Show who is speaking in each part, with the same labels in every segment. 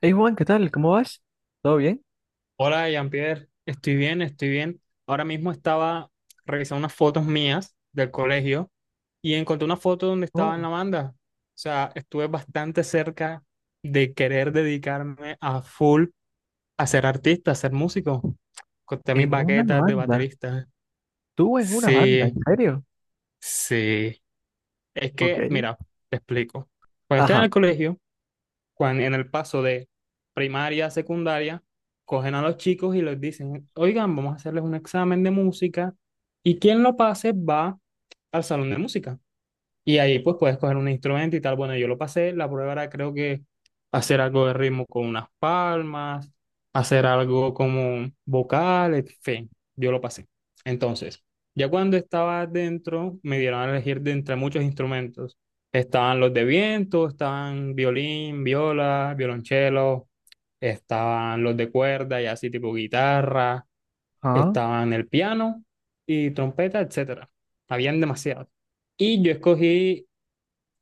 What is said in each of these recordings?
Speaker 1: Hey Juan, ¿qué tal? ¿Cómo vas? ¿Todo bien?
Speaker 2: Hola, Jean-Pierre. Estoy bien. Ahora mismo estaba revisando unas fotos mías del colegio y encontré una foto donde estaba en
Speaker 1: Oh,
Speaker 2: la banda. O sea, estuve bastante cerca de querer dedicarme a full a ser artista, a ser músico. Corté mis
Speaker 1: en una
Speaker 2: baquetas de
Speaker 1: banda.
Speaker 2: baterista.
Speaker 1: Tú en una banda,
Speaker 2: Sí,
Speaker 1: ¿en serio?
Speaker 2: sí. Es que,
Speaker 1: Ok.
Speaker 2: mira, te explico. Cuando estaba en
Speaker 1: Ajá.
Speaker 2: el colegio, en el paso de primaria a secundaria, cogen a los chicos y les dicen, oigan, vamos a hacerles un examen de música y quien lo pase va al salón de música. Y ahí pues puedes coger un instrumento y tal. Bueno, yo lo pasé, la prueba era creo que hacer algo de ritmo con unas palmas, hacer algo como vocal, en fin, yo lo pasé. Entonces, ya cuando estaba dentro, me dieron a elegir de entre muchos instrumentos. Estaban los de viento, estaban violín, viola, violonchelo, estaban los de cuerda y así tipo guitarra,
Speaker 1: Ah,
Speaker 2: estaban el piano y trompeta, etcétera. Habían demasiados. Y yo escogí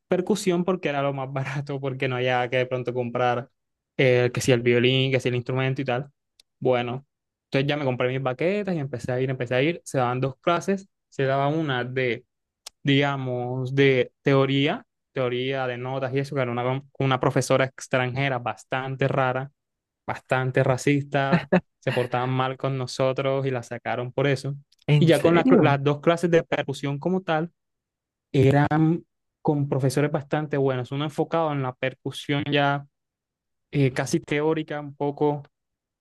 Speaker 2: percusión porque era lo más barato, porque no había que de pronto comprar que si el violín, que si el instrumento y tal. Bueno, entonces ya me compré mis baquetas y empecé a ir. Se daban dos clases, se daba una de, digamos, de teoría, teoría de notas y eso, que era una profesora extranjera bastante rara, bastante racista, se portaban mal con nosotros y la sacaron por eso. Y
Speaker 1: ¿en
Speaker 2: ya con la
Speaker 1: serio?
Speaker 2: las dos clases de percusión como tal, eran con profesores bastante buenos, uno enfocado en la percusión ya casi teórica, un poco, o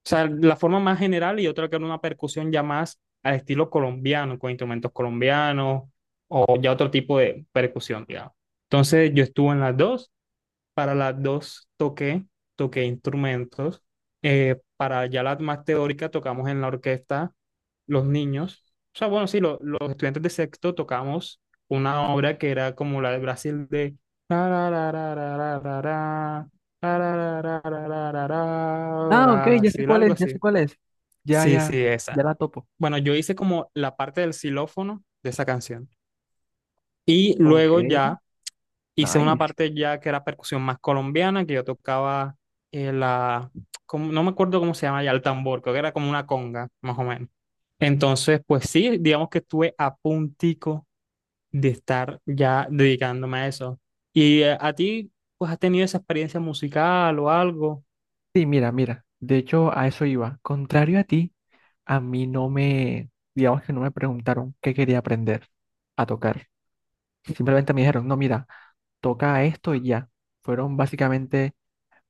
Speaker 2: sea, la forma más general y otro que era una percusión ya más al estilo colombiano, con instrumentos colombianos o ya otro tipo de percusión, digamos. Entonces yo estuve en las dos para las dos toqué, toqué instrumentos. Para ya las más teóricas tocamos en la orquesta los niños. O sea, bueno, sí, los estudiantes de sexto tocamos una obra que era como la de Brasil de ra, ra, ra, ra, ra, ra, ra, ra, ra, ra, ra, ra, ra, ra,
Speaker 1: Ah, ok,
Speaker 2: ra,
Speaker 1: ya sé
Speaker 2: Brasil,
Speaker 1: cuál es,
Speaker 2: algo
Speaker 1: ya
Speaker 2: así.
Speaker 1: sé cuál es. Ya,
Speaker 2: Sí,
Speaker 1: ya,
Speaker 2: sí,
Speaker 1: ya
Speaker 2: esa.
Speaker 1: la topo.
Speaker 2: Bueno, yo hice como la parte del xilófono de esa canción. Y
Speaker 1: Ok.
Speaker 2: luego ya hice una
Speaker 1: Nice.
Speaker 2: parte ya que era percusión más colombiana, que yo tocaba la, no me acuerdo cómo se llama ya, el tambor, creo que era como una conga, más o menos. Entonces, pues sí, digamos que estuve a puntico de estar ya dedicándome a eso. ¿Y a ti, pues has tenido esa experiencia musical o algo?
Speaker 1: Sí, mira, mira. De hecho, a eso iba. Contrario a ti, a mí no me, digamos que no me preguntaron qué quería aprender a tocar. Simplemente me dijeron, no, mira, toca esto y ya. Fueron básicamente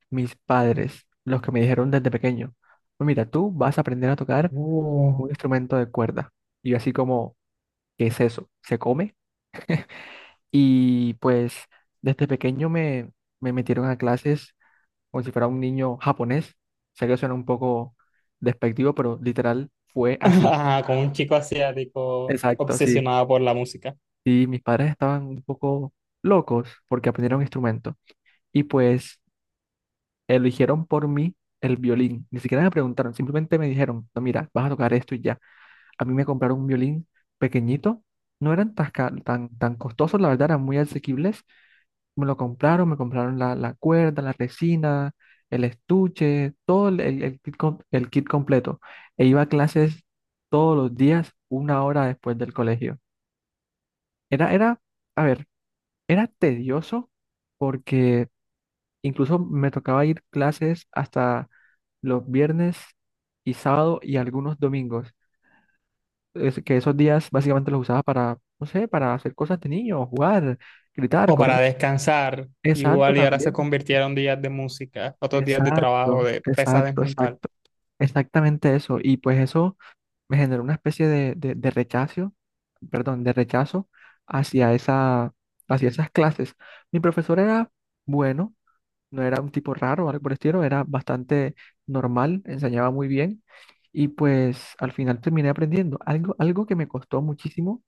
Speaker 1: mis padres, los que me dijeron desde pequeño, "Pues mira, tú vas a aprender a tocar
Speaker 2: Uh.
Speaker 1: un instrumento de cuerda". Y yo así como, ¿qué es eso? ¿Se come? Y pues desde pequeño me, me metieron a clases como si fuera un niño japonés. Sé que suena un poco despectivo, pero literal fue así.
Speaker 2: Ajá, con un chico asiático
Speaker 1: Exacto, sí.
Speaker 2: obsesionado por la música.
Speaker 1: Y mis padres estaban un poco locos porque aprendieron instrumento. Y pues eligieron por mí el violín. Ni siquiera me preguntaron, simplemente me dijeron, no, mira, vas a tocar esto y ya. A mí me compraron un violín pequeñito, no eran tan costosos, la verdad, eran muy asequibles. Me lo compraron, me compraron la cuerda, la resina, el estuche, todo el kit, el kit completo. E iba a clases todos los días, una hora después del colegio. Era, era, a ver, era tedioso porque incluso me tocaba ir clases hasta los viernes y sábado y algunos domingos. Es que esos días básicamente los usaba para, no sé, para hacer cosas de niño, jugar, gritar,
Speaker 2: O
Speaker 1: correr.
Speaker 2: para descansar,
Speaker 1: Exacto,
Speaker 2: igual y ahora se
Speaker 1: también.
Speaker 2: convirtieron días de música, otros días de trabajo, de pesadez mental.
Speaker 1: Exacto. Exactamente eso. Y pues eso me generó una especie de rechazo, perdón, de rechazo hacia esa, hacia esas clases. Mi profesor era bueno. No era un tipo raro o algo por el estilo, era bastante normal, enseñaba muy bien y pues al final terminé aprendiendo. Algo que me costó muchísimo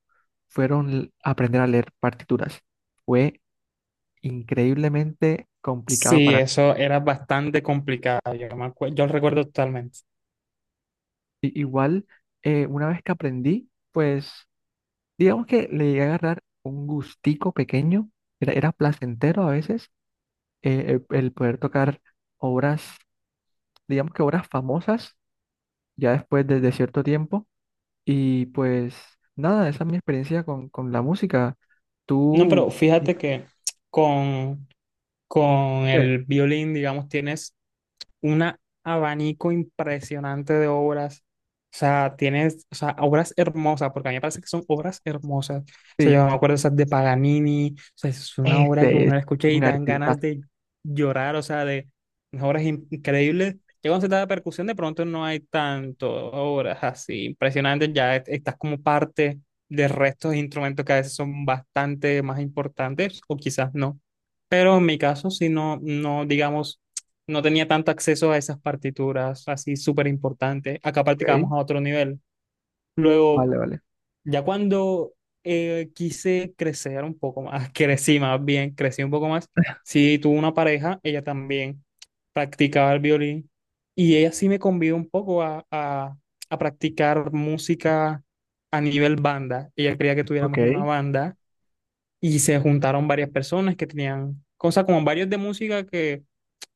Speaker 1: aprender a leer partituras. Fue increíblemente complicado
Speaker 2: Sí,
Speaker 1: para
Speaker 2: eso era bastante complicado, yo, yo lo recuerdo totalmente.
Speaker 1: mí. Igual, una vez que aprendí, pues digamos que le llegué a agarrar un gustico pequeño, era placentero a veces, el poder tocar obras, digamos que obras famosas, ya después de cierto tiempo. Y pues nada, esa es mi experiencia con la música.
Speaker 2: No,
Speaker 1: Tú
Speaker 2: pero fíjate
Speaker 1: dices
Speaker 2: que con, con
Speaker 1: que
Speaker 2: el violín, digamos, tienes un abanico impresionante de obras. O sea, tienes, o sea, obras hermosas, porque a mí me parece que son obras hermosas. O sea,
Speaker 1: sí,
Speaker 2: yo me acuerdo esas de Paganini, o sea, es una obra que
Speaker 1: este
Speaker 2: uno
Speaker 1: es
Speaker 2: la escucha y
Speaker 1: un
Speaker 2: dan
Speaker 1: artista.
Speaker 2: ganas de llorar, o sea, de unas obras increíbles. Ya cuando se trata de percusión, de pronto no hay tanto obras así impresionantes, ya estás como parte del resto de instrumentos que a veces son bastante más importantes, o quizás no. Pero en mi caso, si no, no, digamos no tenía tanto acceso a esas partituras así súper importantes. Acá practicábamos
Speaker 1: Ok,
Speaker 2: a otro nivel. Luego,
Speaker 1: vale.
Speaker 2: ya cuando quise crecer un poco más, crecí más bien, crecí un poco más, sí tuve una pareja, ella también practicaba el violín y ella sí me convidó un poco a practicar música a nivel banda. Ella quería que
Speaker 1: Ok,
Speaker 2: tuviéramos una banda y se juntaron varias personas que tenían cosas como varios de música que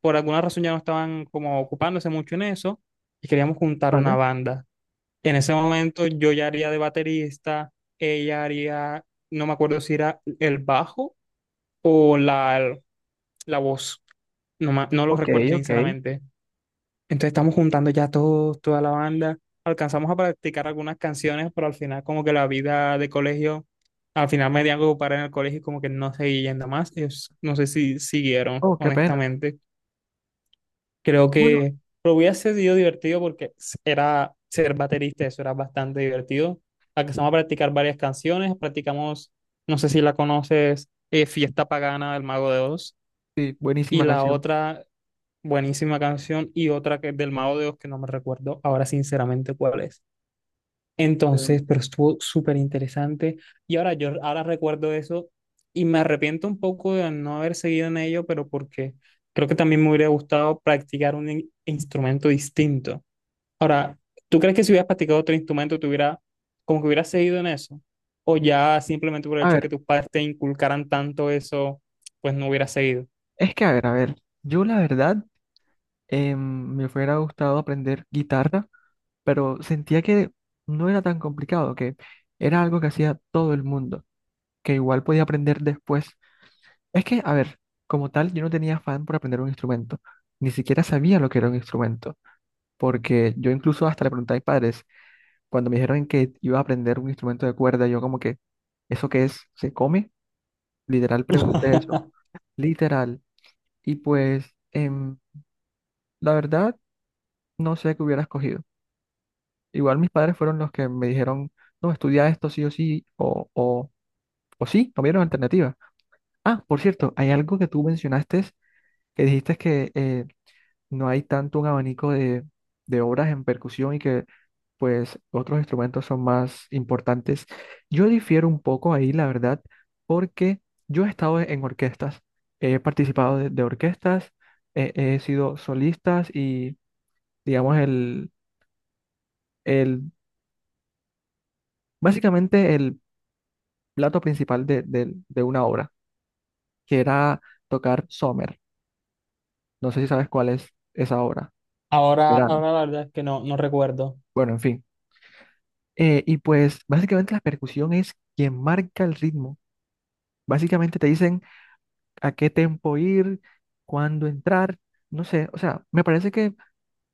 Speaker 2: por alguna razón ya no estaban como ocupándose mucho en eso y queríamos juntar una
Speaker 1: vale.
Speaker 2: banda. En ese momento yo ya haría de baterista, ella haría, no me acuerdo si era el bajo o la voz, no, no lo
Speaker 1: Ok,
Speaker 2: recuerdo
Speaker 1: ok.
Speaker 2: sinceramente, entonces estamos juntando ya todos, toda la banda. Alcanzamos a practicar algunas canciones, pero al final como que la vida de colegio, al final me dieron que ocupar en el colegio y como que no seguí yendo más. Ellos no sé si siguieron,
Speaker 1: Oh, qué pena.
Speaker 2: honestamente. Creo
Speaker 1: Bueno,
Speaker 2: que lo hubiera sido divertido porque era ser baterista, eso era bastante divertido. Alcanzamos a practicar varias canciones, practicamos, no sé si la conoces, Fiesta Pagana del Mago de Oz.
Speaker 1: sí,
Speaker 2: Y
Speaker 1: buenísima
Speaker 2: la
Speaker 1: canción.
Speaker 2: otra buenísima canción y otra que es del Mago de Oz que no me recuerdo ahora sinceramente cuál es.
Speaker 1: Em,
Speaker 2: Entonces, pero estuvo súper interesante y ahora yo ahora recuerdo eso y me arrepiento un poco de no haber seguido en ello, pero porque creo que también me hubiera gustado practicar un instrumento distinto. Ahora, ¿tú crees que si hubieras practicado otro instrumento te hubiera como que hubieras seguido en eso? ¿O ya simplemente por el
Speaker 1: a
Speaker 2: hecho de
Speaker 1: ver,
Speaker 2: que tus padres te inculcaran tanto eso, pues no hubieras seguido?
Speaker 1: a ver. Yo la verdad em, me hubiera gustado aprender guitarra, pero sentía que no era tan complicado, que era algo que hacía todo el mundo, que igual podía aprender después. Es que, a ver, como tal, yo no tenía afán por aprender un instrumento. Ni siquiera sabía lo que era un instrumento. Porque yo incluso hasta le pregunté a mis padres, cuando me dijeron que iba a aprender un instrumento de cuerda, yo como que, ¿eso qué es? ¿Se come? Literal pregunté eso. Literal. Y pues, la verdad, no sé qué hubiera escogido. Igual mis padres fueron los que me dijeron, no, estudia esto sí o sí, o sí, no vieron alternativa. Ah, por cierto, hay algo que tú mencionaste, que dijiste que no hay tanto un abanico de obras en percusión y que pues otros instrumentos son más importantes. Yo difiero un poco ahí, la verdad, porque yo he estado en orquestas, he participado de orquestas, he sido solistas y digamos el el plato principal de una obra, que era tocar Sommer. No sé si sabes cuál es esa obra,
Speaker 2: Ahora,
Speaker 1: verano.
Speaker 2: ahora la verdad es que no, no recuerdo.
Speaker 1: Bueno, en fin. Y pues básicamente la percusión es quien marca el ritmo. Básicamente te dicen a qué tempo ir, cuándo entrar, no sé. O sea, me parece que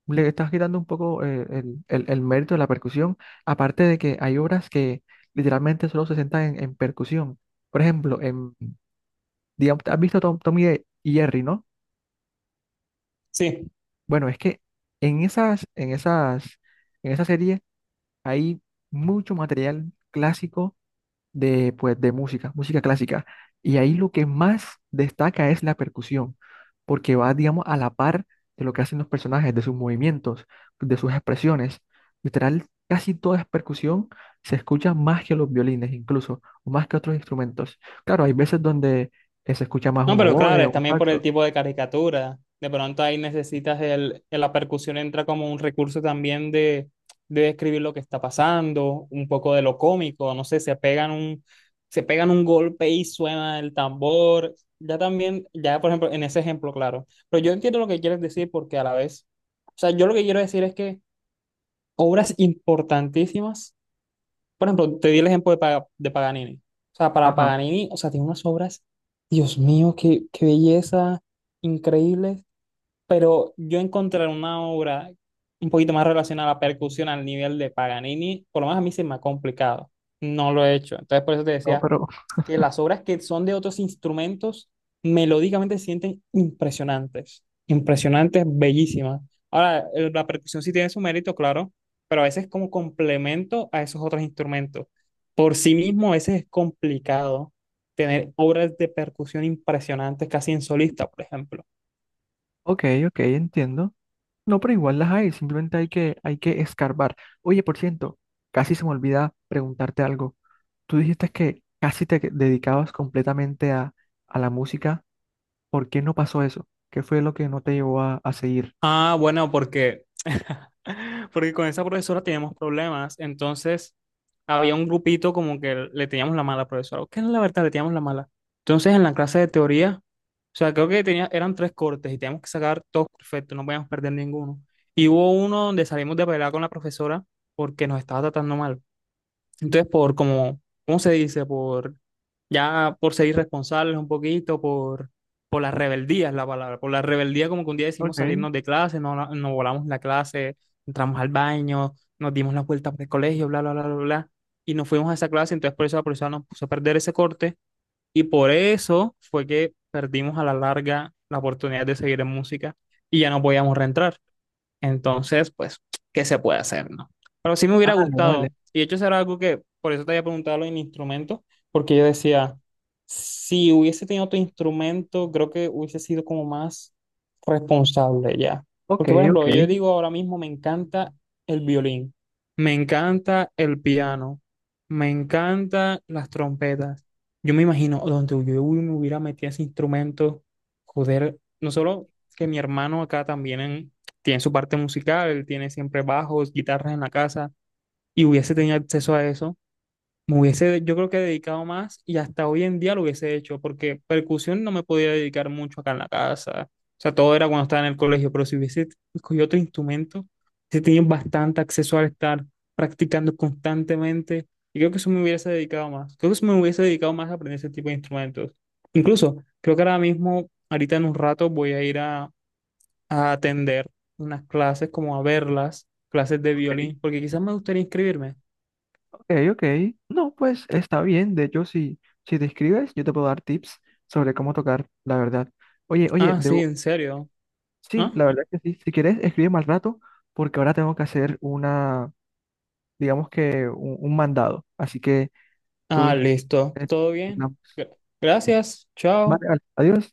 Speaker 1: le estás quitando un poco el mérito de la percusión, aparte de que hay obras que literalmente solo se sentan en percusión. Por ejemplo, en, digamos, ¿has visto Tom y Jerry, no?
Speaker 2: Sí,
Speaker 1: Bueno, es que en esas, en esas, en esa serie hay mucho material clásico de, pues, música clásica. Y ahí lo que más destaca es la percusión, porque va, digamos, a la par de lo que hacen los personajes, de sus movimientos, de sus expresiones. Literal, casi toda es percusión, se escucha más que los violines incluso, o más que otros instrumentos. Claro, hay veces donde se escucha más
Speaker 2: no,
Speaker 1: un
Speaker 2: pero
Speaker 1: oboe
Speaker 2: claro,
Speaker 1: o
Speaker 2: es
Speaker 1: un
Speaker 2: también por el
Speaker 1: saxo.
Speaker 2: tipo de caricatura. De pronto ahí necesitas la percusión entra como un recurso también de describir lo que está pasando, un poco de lo cómico, no sé, se pegan un golpe y suena el tambor. Ya también, ya por ejemplo, en ese ejemplo, claro. Pero yo entiendo lo que quieres decir porque a la vez, o sea, yo lo que quiero decir es que obras importantísimas. Por ejemplo, te di el ejemplo de, de Paganini. O sea, para
Speaker 1: Ajá,
Speaker 2: Paganini, o sea, tiene unas obras, Dios mío, qué belleza, increíbles. Pero yo encontrar una obra un poquito más relacionada a la percusión al nivel de Paganini, por lo menos a mí se me ha complicado. No lo he hecho. Entonces, por eso te
Speaker 1: no,
Speaker 2: decía
Speaker 1: pero
Speaker 2: que las obras que son de otros instrumentos melódicamente se sienten impresionantes, impresionantes, bellísimas. Ahora, la percusión sí tiene su mérito, claro, pero a veces como complemento a esos otros instrumentos. Por sí mismo, a veces es complicado tener obras de percusión impresionantes casi en solista, por ejemplo.
Speaker 1: ok, ok, entiendo. No, pero igual las hay, simplemente hay que escarbar. Oye, por cierto, casi se me olvida preguntarte algo. Tú dijiste que casi te dedicabas completamente a la música. ¿Por qué no pasó eso? ¿Qué fue lo que no te llevó a seguir?
Speaker 2: Ah, bueno, porque con esa profesora teníamos problemas, entonces había un grupito como que le teníamos la mala a la profesora, que es la verdad, le teníamos la mala. Entonces en la clase de teoría, o sea, creo que tenía, eran tres cortes y teníamos que sacar todos perfectos, no podíamos perder ninguno. Y hubo uno donde salimos de pelea con la profesora porque nos estaba tratando mal. Entonces, por como, ¿cómo se dice? Por ya por ser irresponsables un poquito, por la rebeldía es la palabra. Por la rebeldía, como que un día
Speaker 1: Ok.
Speaker 2: decidimos
Speaker 1: Vale,
Speaker 2: salirnos de clase, no, no volamos la clase, entramos al baño, nos dimos la vuelta por el colegio, bla, bla, bla, bla, bla. Y nos fuimos a esa clase, entonces por eso la profesora nos puso a perder ese corte y por eso fue que perdimos a la larga la oportunidad de seguir en música y ya no podíamos reentrar. Entonces, pues, ¿qué se puede hacer, no? Pero sí me hubiera
Speaker 1: vale.
Speaker 2: gustado. Y de hecho, eso era algo que, por eso te había preguntado los instrumentos, porque yo decía, si hubiese tenido otro instrumento, creo que hubiese sido como más responsable ya.
Speaker 1: Ok,
Speaker 2: Porque, por
Speaker 1: ok,
Speaker 2: ejemplo, yo digo ahora mismo, me encanta el violín, me encanta el piano, me encantan las trompetas. Yo me imagino donde yo me hubiera metido ese instrumento, joder, no solo que mi hermano acá también en, tiene su parte musical, tiene siempre bajos, guitarras en la casa, y hubiese tenido acceso a eso, me hubiese, yo creo que dedicado más y hasta hoy en día lo hubiese hecho, porque percusión no me podía dedicar mucho acá en la casa, o sea, todo era cuando estaba en el colegio, pero si hubiese escogido otro instrumento, hubiese tenido bastante acceso al estar practicando constantemente, y creo que eso me hubiese dedicado más, creo que eso me hubiese dedicado más a aprender ese tipo de instrumentos. Incluso, creo que ahora mismo, ahorita en un rato, voy a ir a atender unas clases, como a verlas, clases de
Speaker 1: ok.
Speaker 2: violín, porque quizás me gustaría inscribirme.
Speaker 1: Ok, ok. No, pues está bien. De hecho, si, si te escribes, yo te puedo dar tips sobre cómo tocar, la verdad. Oye, oye,
Speaker 2: Ah, sí,
Speaker 1: debo...
Speaker 2: en serio.
Speaker 1: sí,
Speaker 2: Ah,
Speaker 1: la verdad que sí. Si quieres, escríbeme al rato, porque ahora tengo que hacer digamos que un mandado. Así que tú...
Speaker 2: ah, listo.
Speaker 1: eh,
Speaker 2: Todo bien.
Speaker 1: hablamos.
Speaker 2: Gra- Gracias.
Speaker 1: Vale,
Speaker 2: Chao.
Speaker 1: vale. Adiós.